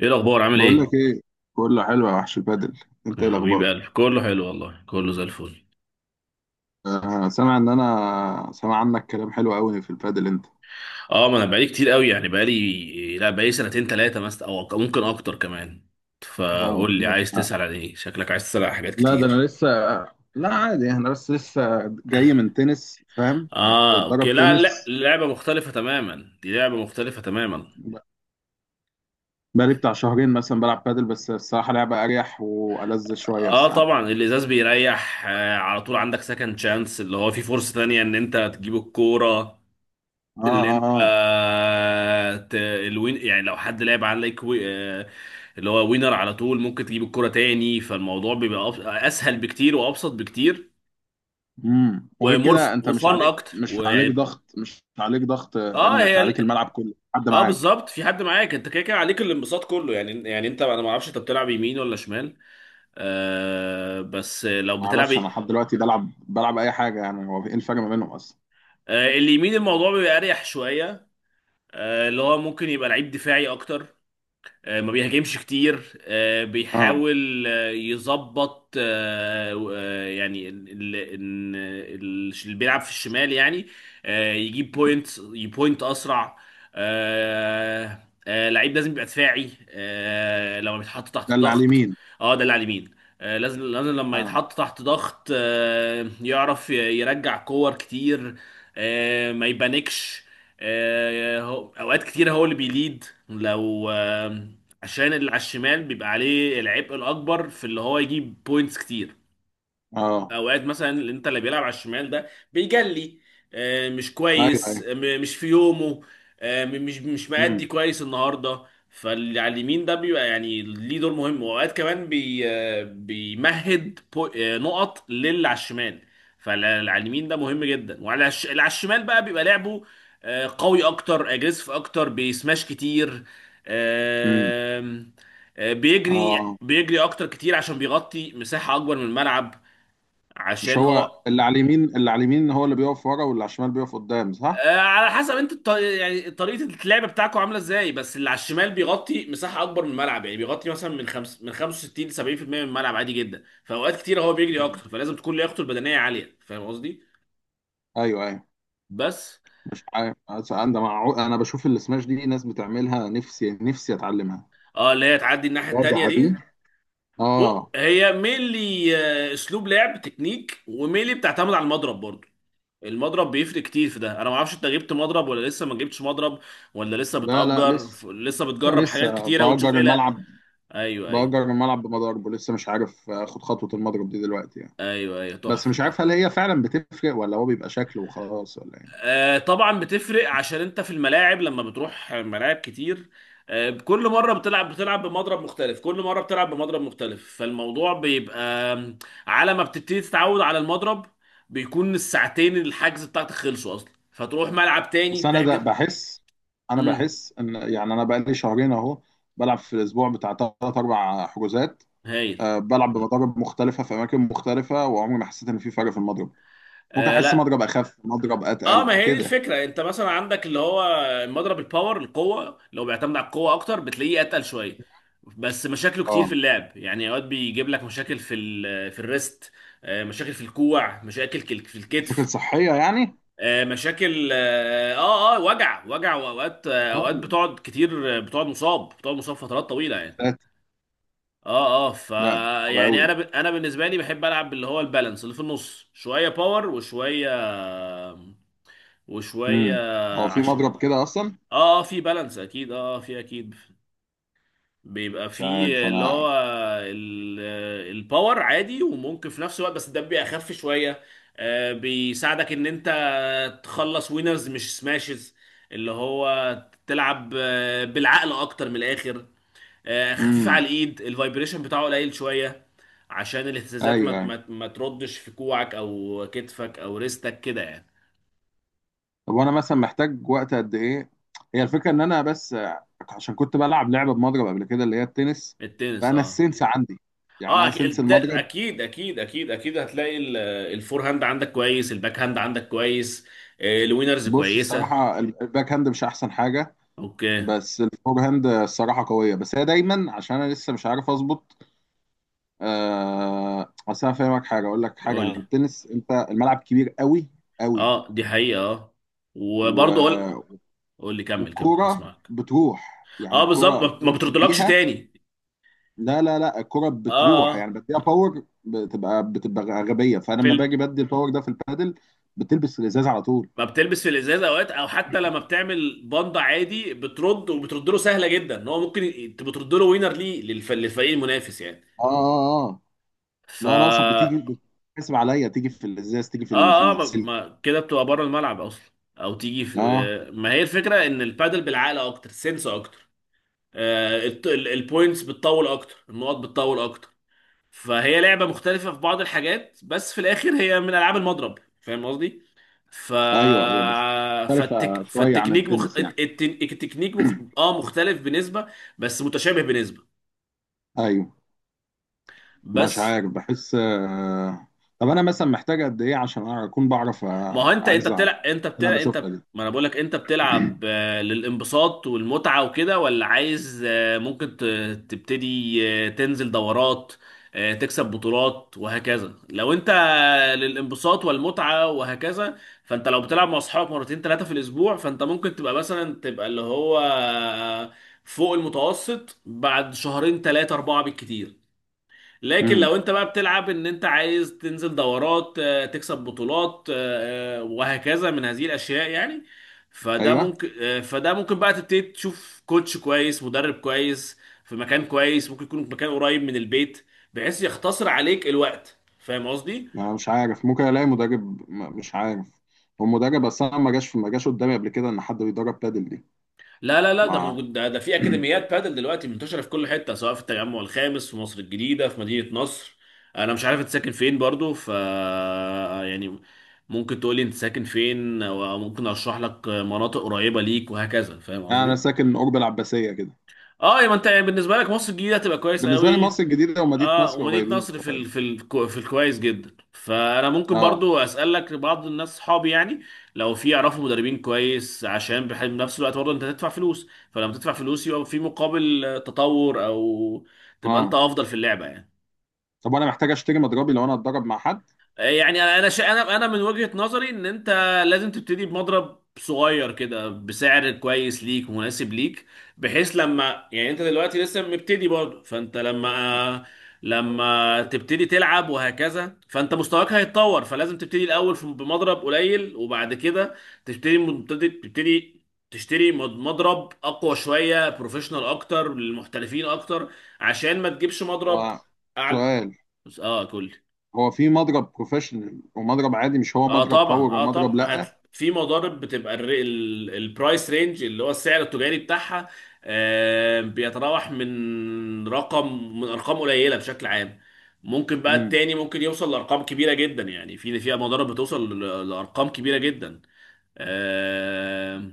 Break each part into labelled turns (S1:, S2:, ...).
S1: ايه الاخبار عامل
S2: بقول لك
S1: ايه؟
S2: ايه. كله حلو يا وحش البادل. انت ايه
S1: يا حبيب
S2: الاخبار؟
S1: قلبي كله حلو والله، كله زي الفل.
S2: آه، سامع ان انا سامع عنك كلام حلو قوي في البادل، انت؟
S1: اه ما انا بقالي كتير قوي، يعني بقالي لا بقالي سنتين ثلاثه مثلا او ممكن اكتر كمان.
S2: واو،
S1: فقول لي عايز
S2: لا.
S1: تسأل عن ايه، شكلك عايز تسأل عن حاجات
S2: لا، ده انا
S1: كتير.
S2: لسه لا، عادي، انا بس لسه جاي من تنس، فاهم؟ يعني كنت
S1: اه اوكي،
S2: بتدرب
S1: لا لا،
S2: تنس.
S1: لعبه مختلفه تماما، دي لعبه مختلفه تماما.
S2: بقالي بتاع شهرين مثلا بلعب بادل، بس الصراحه لعبه اريح والذ شويه
S1: اه
S2: الصراحه.
S1: طبعا الازاز بيريح. على طول عندك سكند شانس، اللي هو في فرصه تانية ان انت تجيب الكوره
S2: اه،
S1: اللي
S2: اه،
S1: انت
S2: اه.
S1: الوين، يعني لو حد لعب عليك آه، اللي هو وينر، على طول ممكن تجيب الكرة تاني، فالموضوع بيبقى اسهل بكتير وابسط بكتير
S2: وغير كده
S1: ومرف
S2: انت
S1: وفن اكتر
S2: مش عليك
S1: ويعني.
S2: ضغط، مش عليك ضغط
S1: اه
S2: انك
S1: هي
S2: عليك
S1: ال-
S2: الملعب كله، حد
S1: اه
S2: معاك.
S1: بالظبط في حد معاك انت، كده كده عليك الانبساط كله. يعني يعني انت انا ما اعرفش انت بتلعب يمين ولا شمال؟ آه بس لو
S2: ما
S1: بتلعب
S2: اعرفش، انا لحد دلوقتي بلعب اي حاجه، يعني هو ايه الفرق ما بينهم اصلا؟
S1: آه اليمين، الموضوع بيبقى اريح شوية. آه اللي هو ممكن يبقى لعيب دفاعي اكتر، ما بيهاجمش كتير،
S2: اه،
S1: بيحاول يظبط اللي بيلعب في الشمال يعني يجيب بوينت يبوينت اسرع. آه، لعيب لازم يبقى دفاعي لما بيتحط
S2: ده
S1: تحت
S2: اللي على
S1: ضغط.
S2: اليمين.
S1: اه ده اللي على اليمين. لازم لما
S2: اه،
S1: يتحط تحت ضغط يعرف يرجع كور كتير، ما يبانكش، اوقات كتير هو اللي بيليد لو عشان اللي على الشمال بيبقى عليه العبء الاكبر في اللي هو يجيب بوينتس كتير.
S2: اه.
S1: اوقات مثلا اللي انت اللي بيلعب على الشمال ده بيجلي مش
S2: ايوه،
S1: كويس،
S2: ايوه.
S1: مش في يومه، مش
S2: امم،
S1: مأدي كويس النهارده، فاللي على اليمين ده بيبقى يعني ليه دور مهم، واوقات كمان بي آه، بيمهد نقط للي على الشمال. فاللي على اليمين ده مهم جدا. اللي على الشمال بقى بيبقى لعبه قوي اكتر، اجريسيف اكتر، بيسماش كتير.
S2: امم.
S1: آم، آه، بيجري
S2: اه،
S1: اكتر كتير عشان بيغطي مساحة اكبر من الملعب،
S2: مش
S1: عشان
S2: هو
S1: هو
S2: اللي على اليمين؟ اللي على اليمين هو اللي بيقف ورا، واللي على الشمال بيقف قدام، صح؟
S1: على حسب انت يعني طريقه اللعب بتاعكم عامله ازاي، بس اللي على الشمال بيغطي مساحه اكبر من الملعب، يعني بيغطي مثلا من 65 ل 70% من الملعب عادي جدا، فاوقات كتير هو بيجري
S2: مم.
S1: اكتر، فلازم تكون لياقته البدنيه عاليه، فاهم قصدي؟
S2: ايوه، ايوه.
S1: بس
S2: مش عارف، أصل انا بشوف السماش دي ناس بتعملها، نفسي نفسي اتعلمها.
S1: اه اللي هي تعدي الناحيه التانيه
S2: الرزعه دي.
S1: دي. بص
S2: اه.
S1: هي ميلي، اسلوب لعب، تكنيك، وميلي بتعتمد على المضرب برضو. المضرب بيفرق كتير في ده. انا ما اعرفش انت جبت مضرب ولا لسه ما جبتش مضرب، ولا لسه
S2: لا، لا،
S1: بتأجر
S2: لسه.
S1: لسه
S2: انا
S1: بتجرب حاجات
S2: لسه
S1: كتيره
S2: بأجر
S1: وتشوف ايه؟ لا،
S2: الملعب.
S1: ايوه ايوه،
S2: بأجر الملعب بمضاربه، لسه مش عارف اخد خطوه المضرب دي دلوقتي يعني.
S1: ايوه ايوه،
S2: بس
S1: تحفه
S2: مش عارف،
S1: تحفه.
S2: هل هي فعلا بتفرق ولا هو بيبقى شكل وخلاص ولا ايه؟
S1: آه طبعا بتفرق، عشان انت في الملاعب لما بتروح ملاعب كتير، آه كل مره بتلعب، بمضرب مختلف، كل مره بتلعب بمضرب مختلف، فالموضوع بيبقى آم، على ما بتبتدي تتعود على المضرب، بيكون الساعتين الحجز بتاعتك خلصوا اصلا، فتروح ملعب تاني
S2: بس
S1: تحجز.
S2: انا
S1: امم،
S2: بحس ان، يعني انا بقالي شهرين اهو، بلعب في الاسبوع بتاع 3 4 حجوزات.
S1: هايل.
S2: أه، بلعب بمضارب مختلفه في اماكن مختلفه، وعمري ما حسيت ان في فرق في المضرب. ممكن
S1: آه
S2: احس
S1: لا.
S2: مضرب اخف، مضرب
S1: اه ما
S2: اتقل
S1: هي دي
S2: كده.
S1: الفكره. انت مثلا عندك اللي هو مضرب الباور، القوه، لو بيعتمد على القوه اكتر بتلاقيه اتقل شويه، بس مشاكله كتير
S2: اه،
S1: في اللعب، يعني اوقات بيجيب لك مشاكل في الريست، مشاكل في الكوع، في
S2: فكره
S1: الكتف،
S2: صحيه يعني.
S1: مشاكل، اه اه، وجع وجع، واوقات
S2: اه،
S1: اوقات بتقعد كتير، بتقعد مصاب فترات طويله يعني.
S2: فات.
S1: اه اه ف.
S2: لا، ده صعب قوي.
S1: انا بالنسبه لي بحب العب اللي هو البالانس، اللي في النص، شويه باور وشويه وشويه
S2: امم. هو في
S1: عش...
S2: مضرب كده اصلا؟
S1: اه. في بالانس اكيد، اه في اكيد. بيبقى
S2: مش
S1: في
S2: عارف
S1: اللي هو
S2: انا.
S1: ال- الباور عادي وممكن في نفس الوقت، بس ده بيبقى اخف شويه. آه بيساعدك ان انت تخلص وينرز مش سماشز، اللي هو تلعب بالعقل اكتر من الاخر. آه خفيف على
S2: امم.
S1: الايد، الفايبريشن بتاعه قليل شويه، عشان
S2: ايوه،
S1: الاهتزازات
S2: أيوة.
S1: ما تردش في كوعك او كتفك او ريستك كده يعني.
S2: طب وانا مثلا محتاج وقت قد ايه؟ هي الفكره ان انا بس، عشان كنت بلعب لعبه بمضرب قبل كده، اللي هي التنس.
S1: التنس
S2: فانا
S1: اه.
S2: السنس عندي، يعني
S1: اه
S2: انا
S1: أك-
S2: سنس
S1: ده
S2: المضرب.
S1: اكيد اكيد، اكيد اكيد، هتلاقي الفور هاند عندك كويس، الباك هاند عندك كويس، الوينرز
S2: بص،
S1: كويسه.
S2: الصراحه الباك هاند مش احسن حاجه.
S1: اوكي.
S2: بس الفور هاند الصراحه قويه، بس هي دايما عشان انا لسه مش عارف اظبط. آه، اصل انا فاهمك، حاجه اقول لك، حاجه
S1: قول
S2: عن
S1: لي.
S2: التنس، انت الملعب كبير قوي قوي.
S1: اه دي حقيقه اه.
S2: و...
S1: وبرضه قول. قول لي كمل، كمل
S2: والكوره
S1: هسمعك.
S2: بتروح، يعني
S1: اه بالظبط،
S2: الكوره
S1: ما ما
S2: الكوره
S1: بتردلكش
S2: بتديها.
S1: تاني.
S2: لا، لا، لا، الكرة
S1: اه
S2: بتروح،
S1: اه
S2: يعني بتلاقيها باور، بتبقى غبية، فأنا
S1: في
S2: لما
S1: ال...
S2: باجي بدي الباور ده في البادل، بتلبس الإزاز على طول.
S1: ما بتلبس في الازازه، اوقات او حتى لما بتعمل باندا عادي بترد، وبترد له سهله جدا، ان هو ممكن بترد له وينر ليه للفريق المنافس يعني.
S2: اه، اه، اه.
S1: ف.
S2: لا، أنا أقصد بتيجي، بتحسب عليا، تيجي في الإزاز، تيجي في
S1: اه اه ما
S2: السلك.
S1: ما كده بتبقى بره الملعب اصلا، او تيجي في.
S2: اه.
S1: ما هي الفكره ان البادل بالعقل اكتر، سنس اكتر، البوينتس بتطول اكتر، النقط بتطول اكتر، فهي لعبه مختلفه في بعض الحاجات، بس في الاخر هي من العاب المضرب، فاهم قصدي؟ ف.
S2: ايوه، ايوه، بس مختلفة
S1: فالتك...
S2: شوية عن
S1: فالتكنيك مخ...
S2: التنس يعني.
S1: الت- التكنيك مخ... اه مختلف بنسبه، بس متشابه بنسبه.
S2: ايوه، مش
S1: بس.
S2: عارف بحس. طب أنا مثلا محتاج قد إيه عشان أكون بعرف
S1: ما هو انت، انت
S2: أجزع
S1: بتلعب انت
S2: اللي أنا
S1: بتلعب
S2: بشوفها
S1: انت
S2: دي.
S1: ما انا بقول لك انت بتلعب للانبساط والمتعة وكده، ولا عايز ممكن تبتدي تنزل دورات، تكسب بطولات، وهكذا؟ لو انت للانبساط والمتعة وهكذا، فانت لو بتلعب مع اصحابك مرتين ثلاثة في الاسبوع، فانت ممكن تبقى مثلا تبقى اللي هو فوق المتوسط بعد شهرين ثلاثة أربعة بالكتير. لكن لو
S2: امم.
S1: انت بقى بتلعب ان انت عايز تنزل دورات، تكسب بطولات، وهكذا من هذه الاشياء يعني،
S2: ايوه.
S1: فده ممكن بقى تبتدي تشوف كوتش كويس، مدرب كويس، في مكان كويس، ممكن يكون مكان قريب من البيت، بحيث يختصر عليك الوقت، فاهم قصدي؟
S2: انا مش عارف، ممكن الاقي مدرب، مش عارف. هو مدرب، بس انا ما جاش قدامي قبل كده ان حد بيدرب بادل دي.
S1: لا لا لا، ده
S2: مع
S1: موجود، ده, ده في اكاديميات بادل دلوقتي منتشره في كل حته، سواء في التجمع الخامس، في مصر الجديده، في مدينه نصر. انا مش عارف انت ساكن فين برضو، ف يعني ممكن تقولي انت ساكن فين وممكن اشرح لك مناطق قريبه ليك وهكذا، فاهم
S2: انا
S1: قصدي؟
S2: ساكن قرب العباسيه كده.
S1: اه يبقى انت يعني بالنسبه لك مصر الجديده هتبقى كويس
S2: بالنسبه لي
S1: قوي.
S2: مصر الجديده ومدينه
S1: اه
S2: نصر
S1: ومدينة
S2: قريبين
S1: نصر
S2: شويه.
S1: في الكويس جدا، فانا ممكن
S2: اه،
S1: برضو اسالك بعض الناس صحابي يعني، لو في يعرفوا مدربين كويس، عشان بحيث بنفس الوقت برضه انت تدفع فلوس، فلما تدفع فلوس يبقى في مقابل تطور، او تبقى انت
S2: اه.
S1: افضل في اللعبة يعني.
S2: طب وانا محتاج اشتري مضربي لو انا اتدرب مع حد؟
S1: يعني انا انا شا... انا انا من وجهة نظري ان انت لازم تبتدي بمضرب صغير كده بسعر كويس ليك ومناسب ليك، بحيث لما يعني انت دلوقتي لسه مبتدي برضه، فانت لما تبتدي تلعب وهكذا، فانت مستواك هيتطور، فلازم تبتدي الاول بمضرب قليل، وبعد كده تبتدي تشتري مضرب اقوى شوية، بروفيشنال اكتر، للمحترفين اكتر، عشان ما تجيبش مضرب اعلى.
S2: وسؤال،
S1: اه كل.
S2: هو في مضرب بروفيشنال ومضرب عادي؟ مش هو مضرب باور
S1: اه طبعا
S2: ومضرب لا؟
S1: في مضارب بتبقى البرايس رينج، اللي هو السعر التجاري بتاعها، آه بيتراوح من رقم، من ارقام قليله بشكل عام، ممكن بقى
S2: امم.
S1: التاني ممكن يوصل لارقام كبيره جدا، يعني في فيها مضارب بتوصل لارقام كبيره جدا. آه.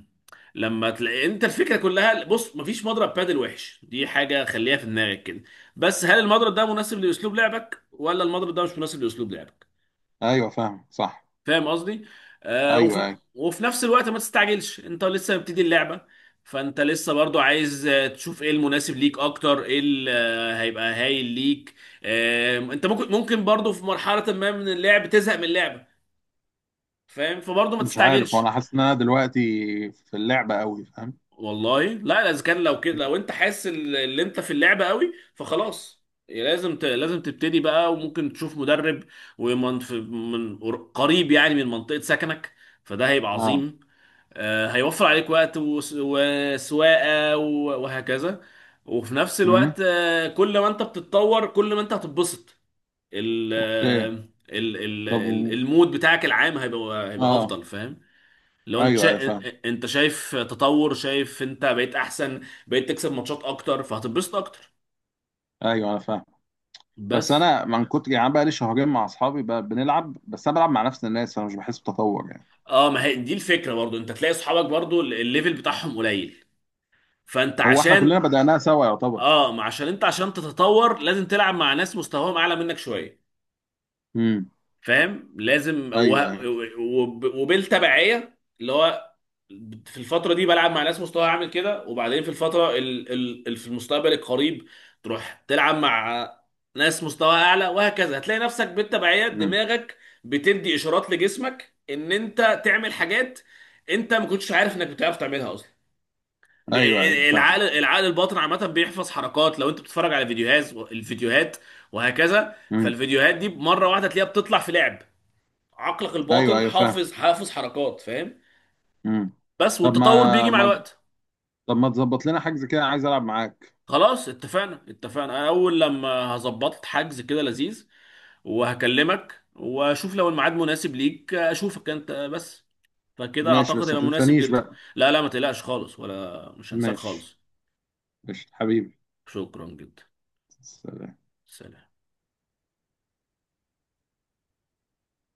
S1: لما تلاقي انت، الفكره كلها، بص مفيش مضرب بادل وحش، دي حاجه خليها في دماغك كده، بس هل المضرب ده مناسب لاسلوب لعبك ولا المضرب ده مش مناسب لاسلوب لعبك،
S2: ايوه فاهم، صح.
S1: فاهم قصدي؟ آه
S2: ايوه،
S1: وفي
S2: ايوه.
S1: وفي نفس الوقت ما تستعجلش، انت لسه بتبتدي اللعبه، فانت لسه برضو عايز تشوف ايه المناسب ليك اكتر، ايه اللي هيبقى هايل ليك. آه انت ممكن، ممكن برضو في مرحله ما من اللعب تزهق من اللعبه، فاهم؟ فبرضو ما
S2: مش عارف، هو
S1: تستعجلش.
S2: انا حاسس ان انا دلوقتي في اللعبه قوي، فاهم؟
S1: والله لا لا، اذا كان، لو كده، لو انت حاسس اللي انت في اللعبه قوي فخلاص، لازم تبتدي بقى، وممكن تشوف مدرب من قريب يعني من منطقه سكنك، فده هيبقى
S2: اه.
S1: عظيم، هيوفر عليك وقت وسواقة وهكذا. وفي نفس
S2: امم.
S1: الوقت كل ما انت بتتطور كل ما انت هتتبسط.
S2: اوكي.
S1: ال
S2: طب و-
S1: المود بتاعك العام هيبقى، هيبقى
S2: اه.
S1: افضل، فاهم؟ لو انت
S2: ايوه، ايوه، فاهم.
S1: انت شايف تطور، شايف انت بقيت احسن، بقيت تكسب ماتشات اكتر، فهتتبسط اكتر.
S2: ايوه، انا فاهم. بس
S1: بس.
S2: انا من كتر يعني أنا بقى لي شهرين مع اصحابي بقى بنلعب، بس انا بلعب مع نفس الناس، فانا مش بحس بتطور يعني.
S1: اه ما هي دي الفكرة، برضو انت تلاقي اصحابك برضو الليفل بتاعهم قليل، فانت
S2: هو احنا كلنا
S1: عشان.
S2: بدأناها سوا يعتبر.
S1: اه ما عشان انت عشان تتطور لازم تلعب مع ناس مستواهم اعلى منك شويه،
S2: امم.
S1: فاهم؟ لازم و.
S2: ايوه، ايوه.
S1: وبالتبعيه اللي هو في الفتره دي بلعب مع ناس مستواها عامل كده، وبعدين في الفتره في المستقبل القريب تروح تلعب مع ناس مستواها اعلى، وهكذا. هتلاقي نفسك بالتبعيه
S2: امم.
S1: دماغك بتدي اشارات لجسمك ان انت تعمل حاجات انت ما كنتش عارف انك بتعرف تعملها اصلا.
S2: ايوه، ايوه، فاهم.
S1: العقل الباطن عامة بيحفظ حركات، لو انت بتتفرج على فيديوهات، وهكذا،
S2: امم.
S1: فالفيديوهات دي مرة واحدة تلاقيها بتطلع في لعب، عقلك
S2: ايوه،
S1: الباطن
S2: ايوه، فاهم.
S1: حافظ، حركات، فاهم؟
S2: امم.
S1: بس.
S2: طب
S1: والتطور
S2: ما
S1: بيجي مع
S2: ما
S1: الوقت.
S2: طب ما تظبط لنا حجز كده، عايز العب معاك.
S1: خلاص اتفقنا، اتفقنا، انا اول لما هظبط حجز كده لذيذ وهكلمك، واشوف لو الميعاد مناسب ليك اشوفك انت بس، فكده
S2: ماشي،
S1: اعتقد
S2: بس ما
S1: هيبقى مناسب
S2: تنسانيش
S1: جدا.
S2: بقى.
S1: لا لا ما تقلقش خالص، ولا مش هنساك
S2: ماشي.
S1: خالص.
S2: ماشي حبيبي.
S1: شكرا جدا.
S2: سلام.
S1: سلام.